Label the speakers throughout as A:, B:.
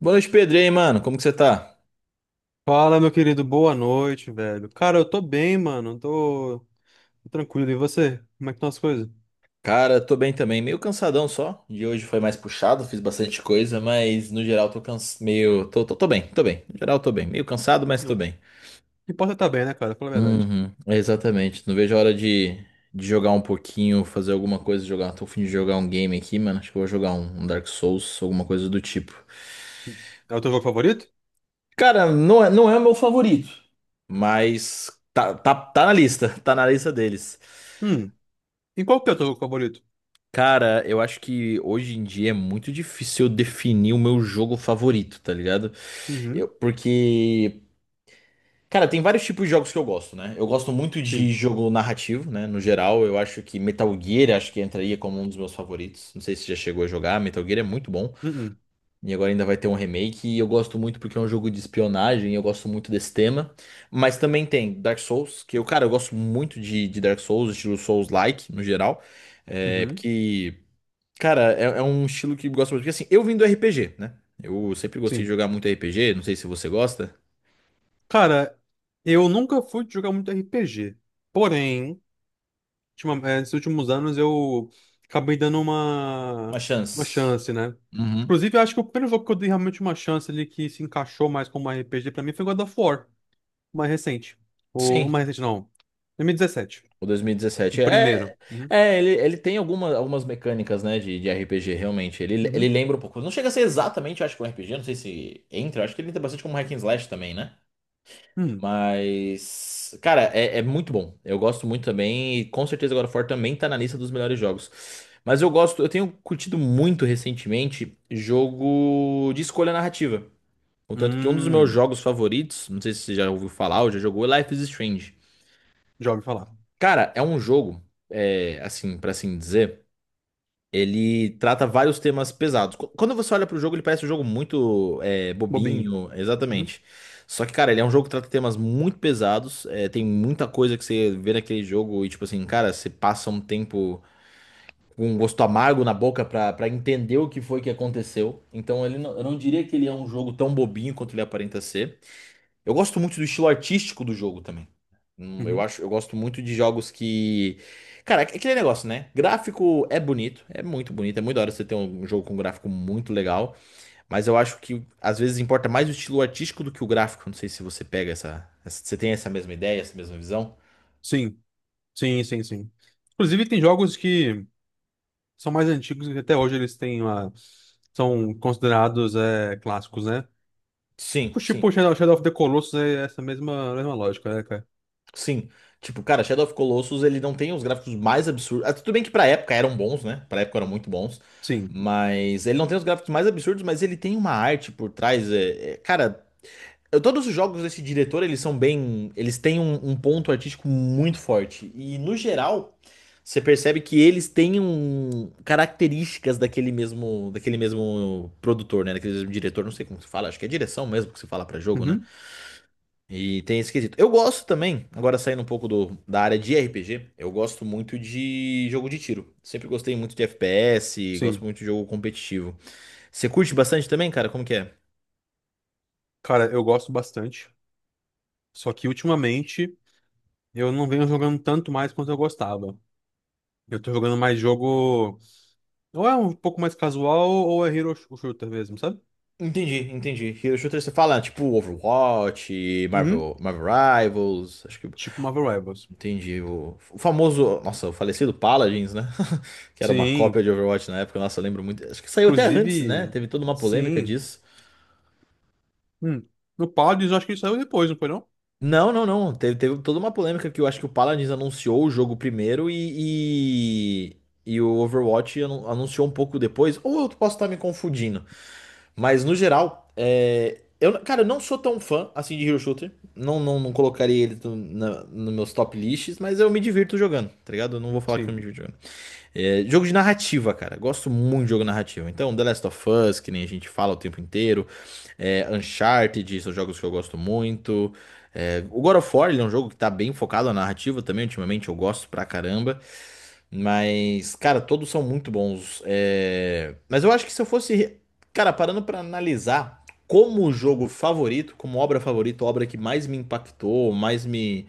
A: Boa noite, Pedro. E aí, mano? Como que você tá?
B: Fala, meu querido, boa noite, velho. Cara, eu tô bem, mano. Tô tranquilo. E você? Como é que estão as coisas?
A: Cara, tô bem também. Meio cansadão só. De hoje foi mais puxado, fiz bastante coisa, mas no geral tô cans... meio. Tô bem, tô bem. No geral tô bem. Meio cansado, mas
B: Não.
A: tô
B: Não
A: bem.
B: importa tá bem, né, cara? Fala a verdade.
A: Uhum, exatamente. Não vejo a hora de jogar um pouquinho, fazer alguma coisa, jogar. Tô a fim de jogar um game aqui, mano. Acho que eu vou jogar um Dark Souls, alguma coisa do tipo.
B: É o teu jogo favorito?
A: Cara, não é o meu favorito, mas tá na lista. Tá na lista deles.
B: Hum. E qual que é o teu jogo favorito?
A: Cara, eu acho que hoje em dia é muito difícil eu definir o meu jogo favorito, tá ligado?
B: Uhum.
A: Porque, cara, tem vários tipos de jogos que eu gosto, né? Eu gosto muito de
B: Sim.
A: jogo narrativo, né? No geral, eu acho que Metal Gear acho que entraria como um dos meus favoritos. Não sei se você já chegou a jogar, Metal Gear é muito bom.
B: Uhum.
A: E agora ainda vai ter um remake. E eu gosto muito porque é um jogo de espionagem, eu gosto muito desse tema. Mas também tem Dark Souls, que eu, cara, eu gosto muito de Dark Souls, estilo Souls-like, no geral. É,
B: Uhum.
A: porque. Cara, é um estilo que eu gosto muito. Porque assim, eu vim do RPG, né? Eu sempre gostei de
B: Sim.
A: jogar muito RPG, não sei se você gosta.
B: Cara, eu nunca fui de jogar muito RPG. Porém, nesses últimos anos eu acabei dando
A: Uma
B: uma
A: chance.
B: chance, né?
A: Uhum.
B: Inclusive, eu acho que o primeiro jogo que eu dei realmente uma chance ali que se encaixou mais como RPG pra mim foi God of War. O mais recente. O
A: Sim.
B: mais recente, não. 2017.
A: O
B: O
A: 2017.
B: primeiro.
A: É,
B: Uhum.
A: é ele, ele tem alguma, algumas mecânicas, né, de RPG, realmente. Ele
B: Uhum.
A: lembra um pouco. Não chega a ser exatamente, eu acho, que um RPG, não sei se entra. Eu Acho que ele entra bastante como hack and slash também, né?
B: Hum.
A: Mas, cara, é muito bom. Eu gosto muito também. E com certeza God of War também tá na lista dos melhores jogos. Mas eu gosto, eu tenho curtido muito recentemente jogo de escolha narrativa. Contanto que um dos meus
B: Hum.
A: jogos favoritos, não sei se você já ouviu falar ou já jogou, é Life is Strange.
B: Já ouvi falar.
A: Cara, é um jogo, é, assim, pra assim dizer. Ele trata vários temas pesados. Quando você olha pro jogo, ele parece um jogo muito
B: Bobinho.
A: bobinho,
B: Uhum.
A: exatamente. Só que, cara, ele é um jogo que trata temas muito pesados. Tem muita coisa que você vê naquele jogo e, tipo assim, cara, você passa um tempo com um gosto amargo na boca pra entender o que foi que aconteceu. Então, ele não- eu não diria que ele é um jogo tão bobinho quanto ele aparenta ser. Eu gosto muito do estilo artístico do jogo também.
B: Uhum.
A: Eu gosto muito de jogos que. Cara, é aquele negócio, né? Gráfico é bonito, é muito da hora você ter um jogo com um gráfico muito legal, mas eu acho que às vezes importa mais o estilo artístico do que o gráfico. Não sei se você pega você tem essa mesma ideia, essa mesma visão?
B: Sim. Sim, sim, sim. Inclusive, tem jogos que são mais antigos e que até hoje eles têm uma... são considerados é, clássicos, né?
A: Sim,
B: Tipo,
A: sim,
B: Shadow of the Colossus é essa mesma lógica, né, cara?
A: sim. Tipo, cara, Shadow of Colossus, ele não tem os gráficos mais absurdos. Ah, tudo bem que pra época eram bons, né? Pra época eram muito bons.
B: Sim.
A: Mas ele não tem os gráficos mais absurdos, mas ele tem uma arte por trás. Cara, todos os jogos desse diretor, eles são bem. Eles têm um ponto artístico muito forte. E, no geral, você percebe que eles têm características daquele mesmo produtor, né? Daquele mesmo diretor, não sei como se fala, acho que é direção mesmo que se fala pra jogo, né?
B: Uhum.
A: E tem esse quesito. Eu gosto também, agora saindo um pouco da área de RPG, eu gosto muito de jogo de tiro. Sempre gostei muito de FPS, gosto
B: Sim.
A: muito de jogo competitivo. Você curte bastante também, cara? Como que é?
B: Cara, eu gosto bastante. Só que ultimamente eu não venho jogando tanto mais quanto eu gostava. Eu tô jogando mais jogo. Ou é um pouco mais casual, ou é shooter mesmo, sabe?
A: Entendi, entendi. Hero Shooter você fala, tipo, Overwatch,
B: Uhum.
A: Marvel Rivals, acho que.
B: Tipo Marvel Rivals.
A: Entendi. O famoso. Nossa, o falecido Paladins, né? Que era uma cópia
B: Sim.
A: de Overwatch na época, nossa, eu lembro muito. Acho que saiu até antes, né?
B: Inclusive.
A: Teve toda uma polêmica
B: Sim.
A: disso.
B: Hum. No Paladins, eu acho que ele saiu depois, não foi não?
A: Não, não, não. Teve toda uma polêmica que eu acho que o Paladins anunciou o jogo primeiro. E o Overwatch anunciou um pouco depois. Ou eu posso estar me confundindo. Mas no geral, cara, eu não sou tão fã assim de Hero Shooter. Não colocaria ele no, na- nos meus top lists, mas eu me divirto jogando, tá ligado? Eu não vou falar que eu
B: Sim.
A: me divirto jogando. Jogo de narrativa, cara. Gosto muito de jogo narrativo. Então, The Last of Us, que nem a gente fala o tempo inteiro. Uncharted, são jogos que eu gosto muito. O God of War, ele é um jogo que tá bem focado na narrativa também. Ultimamente eu gosto pra caramba. Mas, cara, todos são muito bons. Mas eu acho que se eu fosse, cara, parando pra analisar como jogo favorito, como obra favorita, obra que mais me impactou,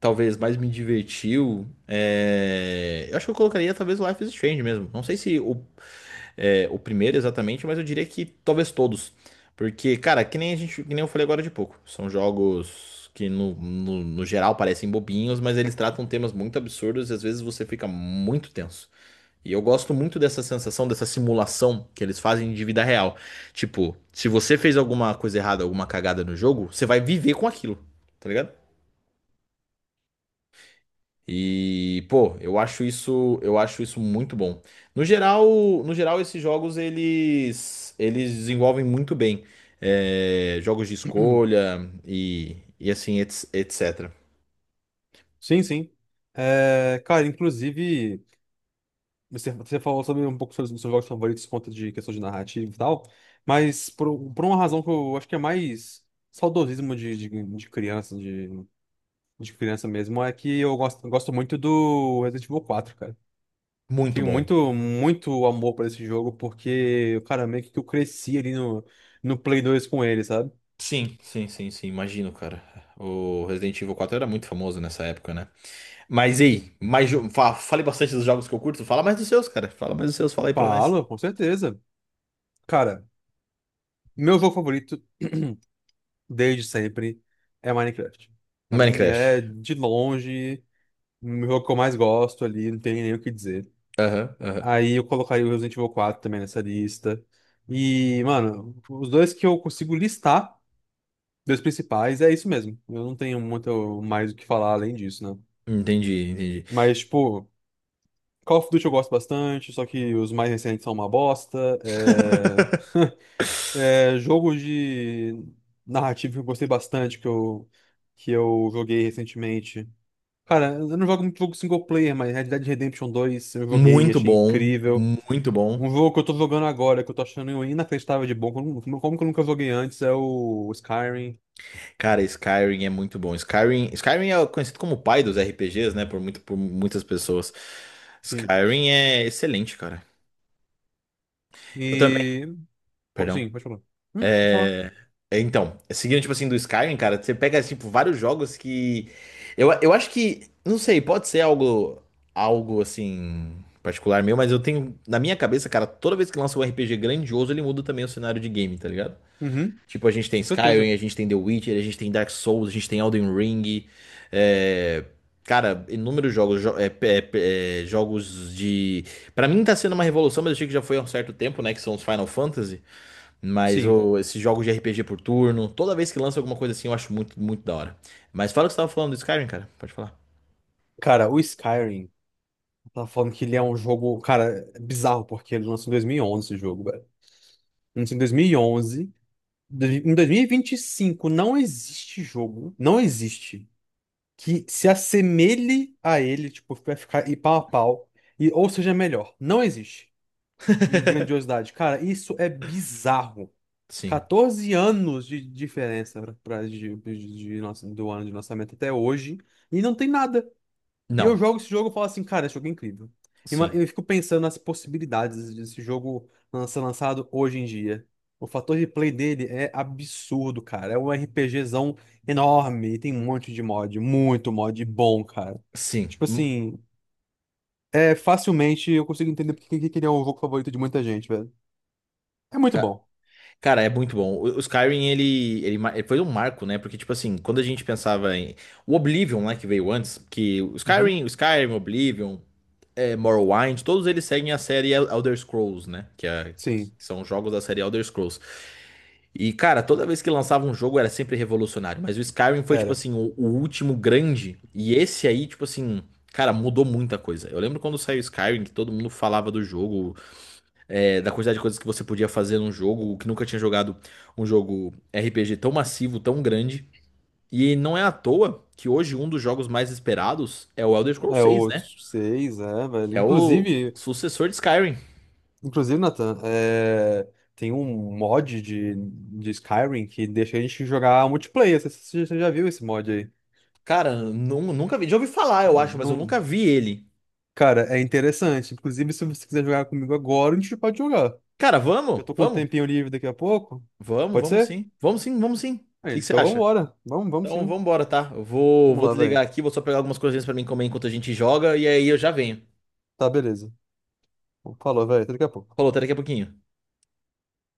A: talvez mais me divertiu, eu acho que eu colocaria talvez o Life is Strange mesmo. Não sei se o primeiro exatamente, mas eu diria que talvez todos. Porque, cara, que nem eu falei agora de pouco. São jogos que no geral parecem bobinhos, mas eles tratam temas muito absurdos e às vezes você fica muito tenso. E eu gosto muito dessa sensação, dessa simulação que eles fazem de vida real. Tipo, se você fez alguma coisa errada, alguma cagada no jogo, você vai viver com aquilo, tá ligado? E, pô, eu acho isso muito bom. No geral, no geral esses jogos eles desenvolvem muito bem jogos de escolha e assim, etc.
B: Sim, sim. É, cara, inclusive, você falou sobre um pouco sobre os seus jogos favoritos por conta de questão de narrativa e tal, mas por uma razão que eu acho que é mais saudosismo de criança, de criança mesmo, é que eu gosto, gosto muito do Resident Evil quatro cara. Eu
A: Muito
B: tenho
A: bom.
B: muito, muito amor por esse jogo, porque, cara, meio que eu cresci ali no Play 2 com ele, sabe?
A: Sim, sim, sim, sim, imagino, cara. O Resident Evil 4 era muito famoso nessa época, né? Mas e aí? Falei bastante dos jogos que eu curto. Fala mais dos seus, cara. Fala mais dos seus, fala aí pra nós.
B: Falo, com certeza. Cara, meu jogo favorito, desde sempre, é Minecraft. Pra mim
A: Minecraft.
B: é, de longe, o jogo que eu mais gosto ali, não tem nem o que dizer.
A: Aham, aham.
B: Aí eu colocaria o Resident Evil quatro também nessa lista. E, mano, os dois que eu consigo listar dois principais, é isso mesmo. Eu não tenho muito mais o que falar além disso, né?
A: Entendi, entendi.
B: Mas, tipo, Call of Duty eu gosto bastante, só que os mais recentes são uma bosta. É... É, jogo de narrativa que eu gostei bastante, que eu joguei recentemente. Cara, eu não jogo muito jogo single player, mas Red Dead Redemption dois eu joguei,
A: Muito
B: achei
A: bom,
B: incrível.
A: muito bom.
B: Um jogo que eu tô jogando agora, que eu tô achando inacreditável de bom, como que eu nunca joguei antes, é o Skyrim.
A: Cara, Skyrim é muito bom. Skyrim é conhecido como o pai dos RPGs, né? Por por muitas pessoas.
B: Sim.
A: Skyrim é excelente, cara. Eu também.
B: E po-
A: Perdão.
B: sim, pode falar. Pode falar.
A: É... é, então, seguindo, tipo assim, do Skyrim, cara, você pega, tipo, vários jogos que. Eu acho que. Não sei, pode ser algo. Algo assim. Particular meu, mas eu tenho. Na minha cabeça, cara, toda vez que lança um RPG grandioso, ele muda também o cenário de game, tá ligado?
B: Uhum,
A: Tipo, a gente tem
B: com certeza.
A: Skyrim, a gente tem The Witcher, a gente tem Dark Souls, a gente tem Elden Ring. é, Cara, inúmeros jogos, jogos de. Pra mim tá sendo uma revolução, mas eu achei que já foi há um certo tempo, né? Que são os Final Fantasy. Mas
B: Sim.
A: ô, esses jogos de RPG por turno, toda vez que lança alguma coisa assim, eu acho muito, muito da hora. Mas fala o que você tava falando do Skyrim, cara. Pode falar.
B: Cara, o Skyrim, eu tava falando que ele é um jogo, cara, é bizarro, porque ele lançou em 2011 esse jogo, velho. Lançou em 2011. Em 2025 não existe jogo, não existe, que se assemelhe a ele, tipo, vai ficar e pau a pau, e, ou seja melhor. Não existe. Em grandiosidade. Cara, isso é bizarro.
A: Sim.
B: 14 anos de diferença pra, de do ano de lançamento até hoje. E não tem nada. E eu
A: Não.
B: jogo esse jogo e falo assim, cara, esse jogo é incrível. E
A: Sim.
B: eu fico pensando nas possibilidades desse jogo ser lançado hoje em dia. O fator de play dele é absurdo, cara. É um RPGzão enorme. E tem um monte de mod. Muito mod bom, cara.
A: Sim.
B: Tipo assim, é facilmente eu consigo entender porque que ele é o jogo favorito de muita gente, velho. É muito
A: Ca-
B: bom.
A: Cara, é muito bom. O Skyrim, ele foi um marco, né? Porque, tipo assim, quando a gente pensava em... O Oblivion, né, que veio antes, que o
B: Uhum.
A: Skyrim, Morrowind, todos eles seguem a série Elder Scrolls, né? Que
B: Sim.
A: são jogos da série Elder Scrolls. E, cara, toda vez que lançava um jogo era sempre revolucionário. Mas o Skyrim foi, tipo
B: Era
A: assim, o último grande. E esse aí, tipo assim... Cara, mudou muita coisa. Eu lembro quando saiu o Skyrim, que todo mundo falava do jogo da quantidade de coisas que você podia fazer num jogo, que nunca tinha jogado um jogo RPG tão massivo, tão grande. E não é à toa que hoje um dos jogos mais esperados é o Elder Scrolls
B: é,
A: 6, né?
B: outros 6, é, velho.
A: Que é o
B: Inclusive,
A: sucessor de Skyrim.
B: inclusive, Nathan, é, tem um mod de Skyrim que deixa a gente jogar multiplayer. Você já viu esse mod aí?
A: Cara, nunca vi. Já ouvi falar, eu acho, mas eu
B: Não...
A: nunca vi ele.
B: Cara, é interessante. Inclusive, se você quiser jogar comigo agora, a gente pode jogar.
A: Cara,
B: Eu
A: vamos?
B: tô com um
A: Vamos?
B: tempinho livre daqui a pouco. Pode ser?
A: Vamos sim. O
B: É,
A: que que você
B: então
A: acha?
B: vambora. Vamos, vamos
A: Então,
B: sim.
A: vambora, tá?
B: Vamos
A: Vou
B: lá, velho.
A: desligar aqui, vou só pegar algumas coisinhas pra mim comer enquanto a gente joga, e aí eu já venho.
B: Tá, beleza. Falou, velho. Até daqui a pouco.
A: Falou, até daqui a pouquinho.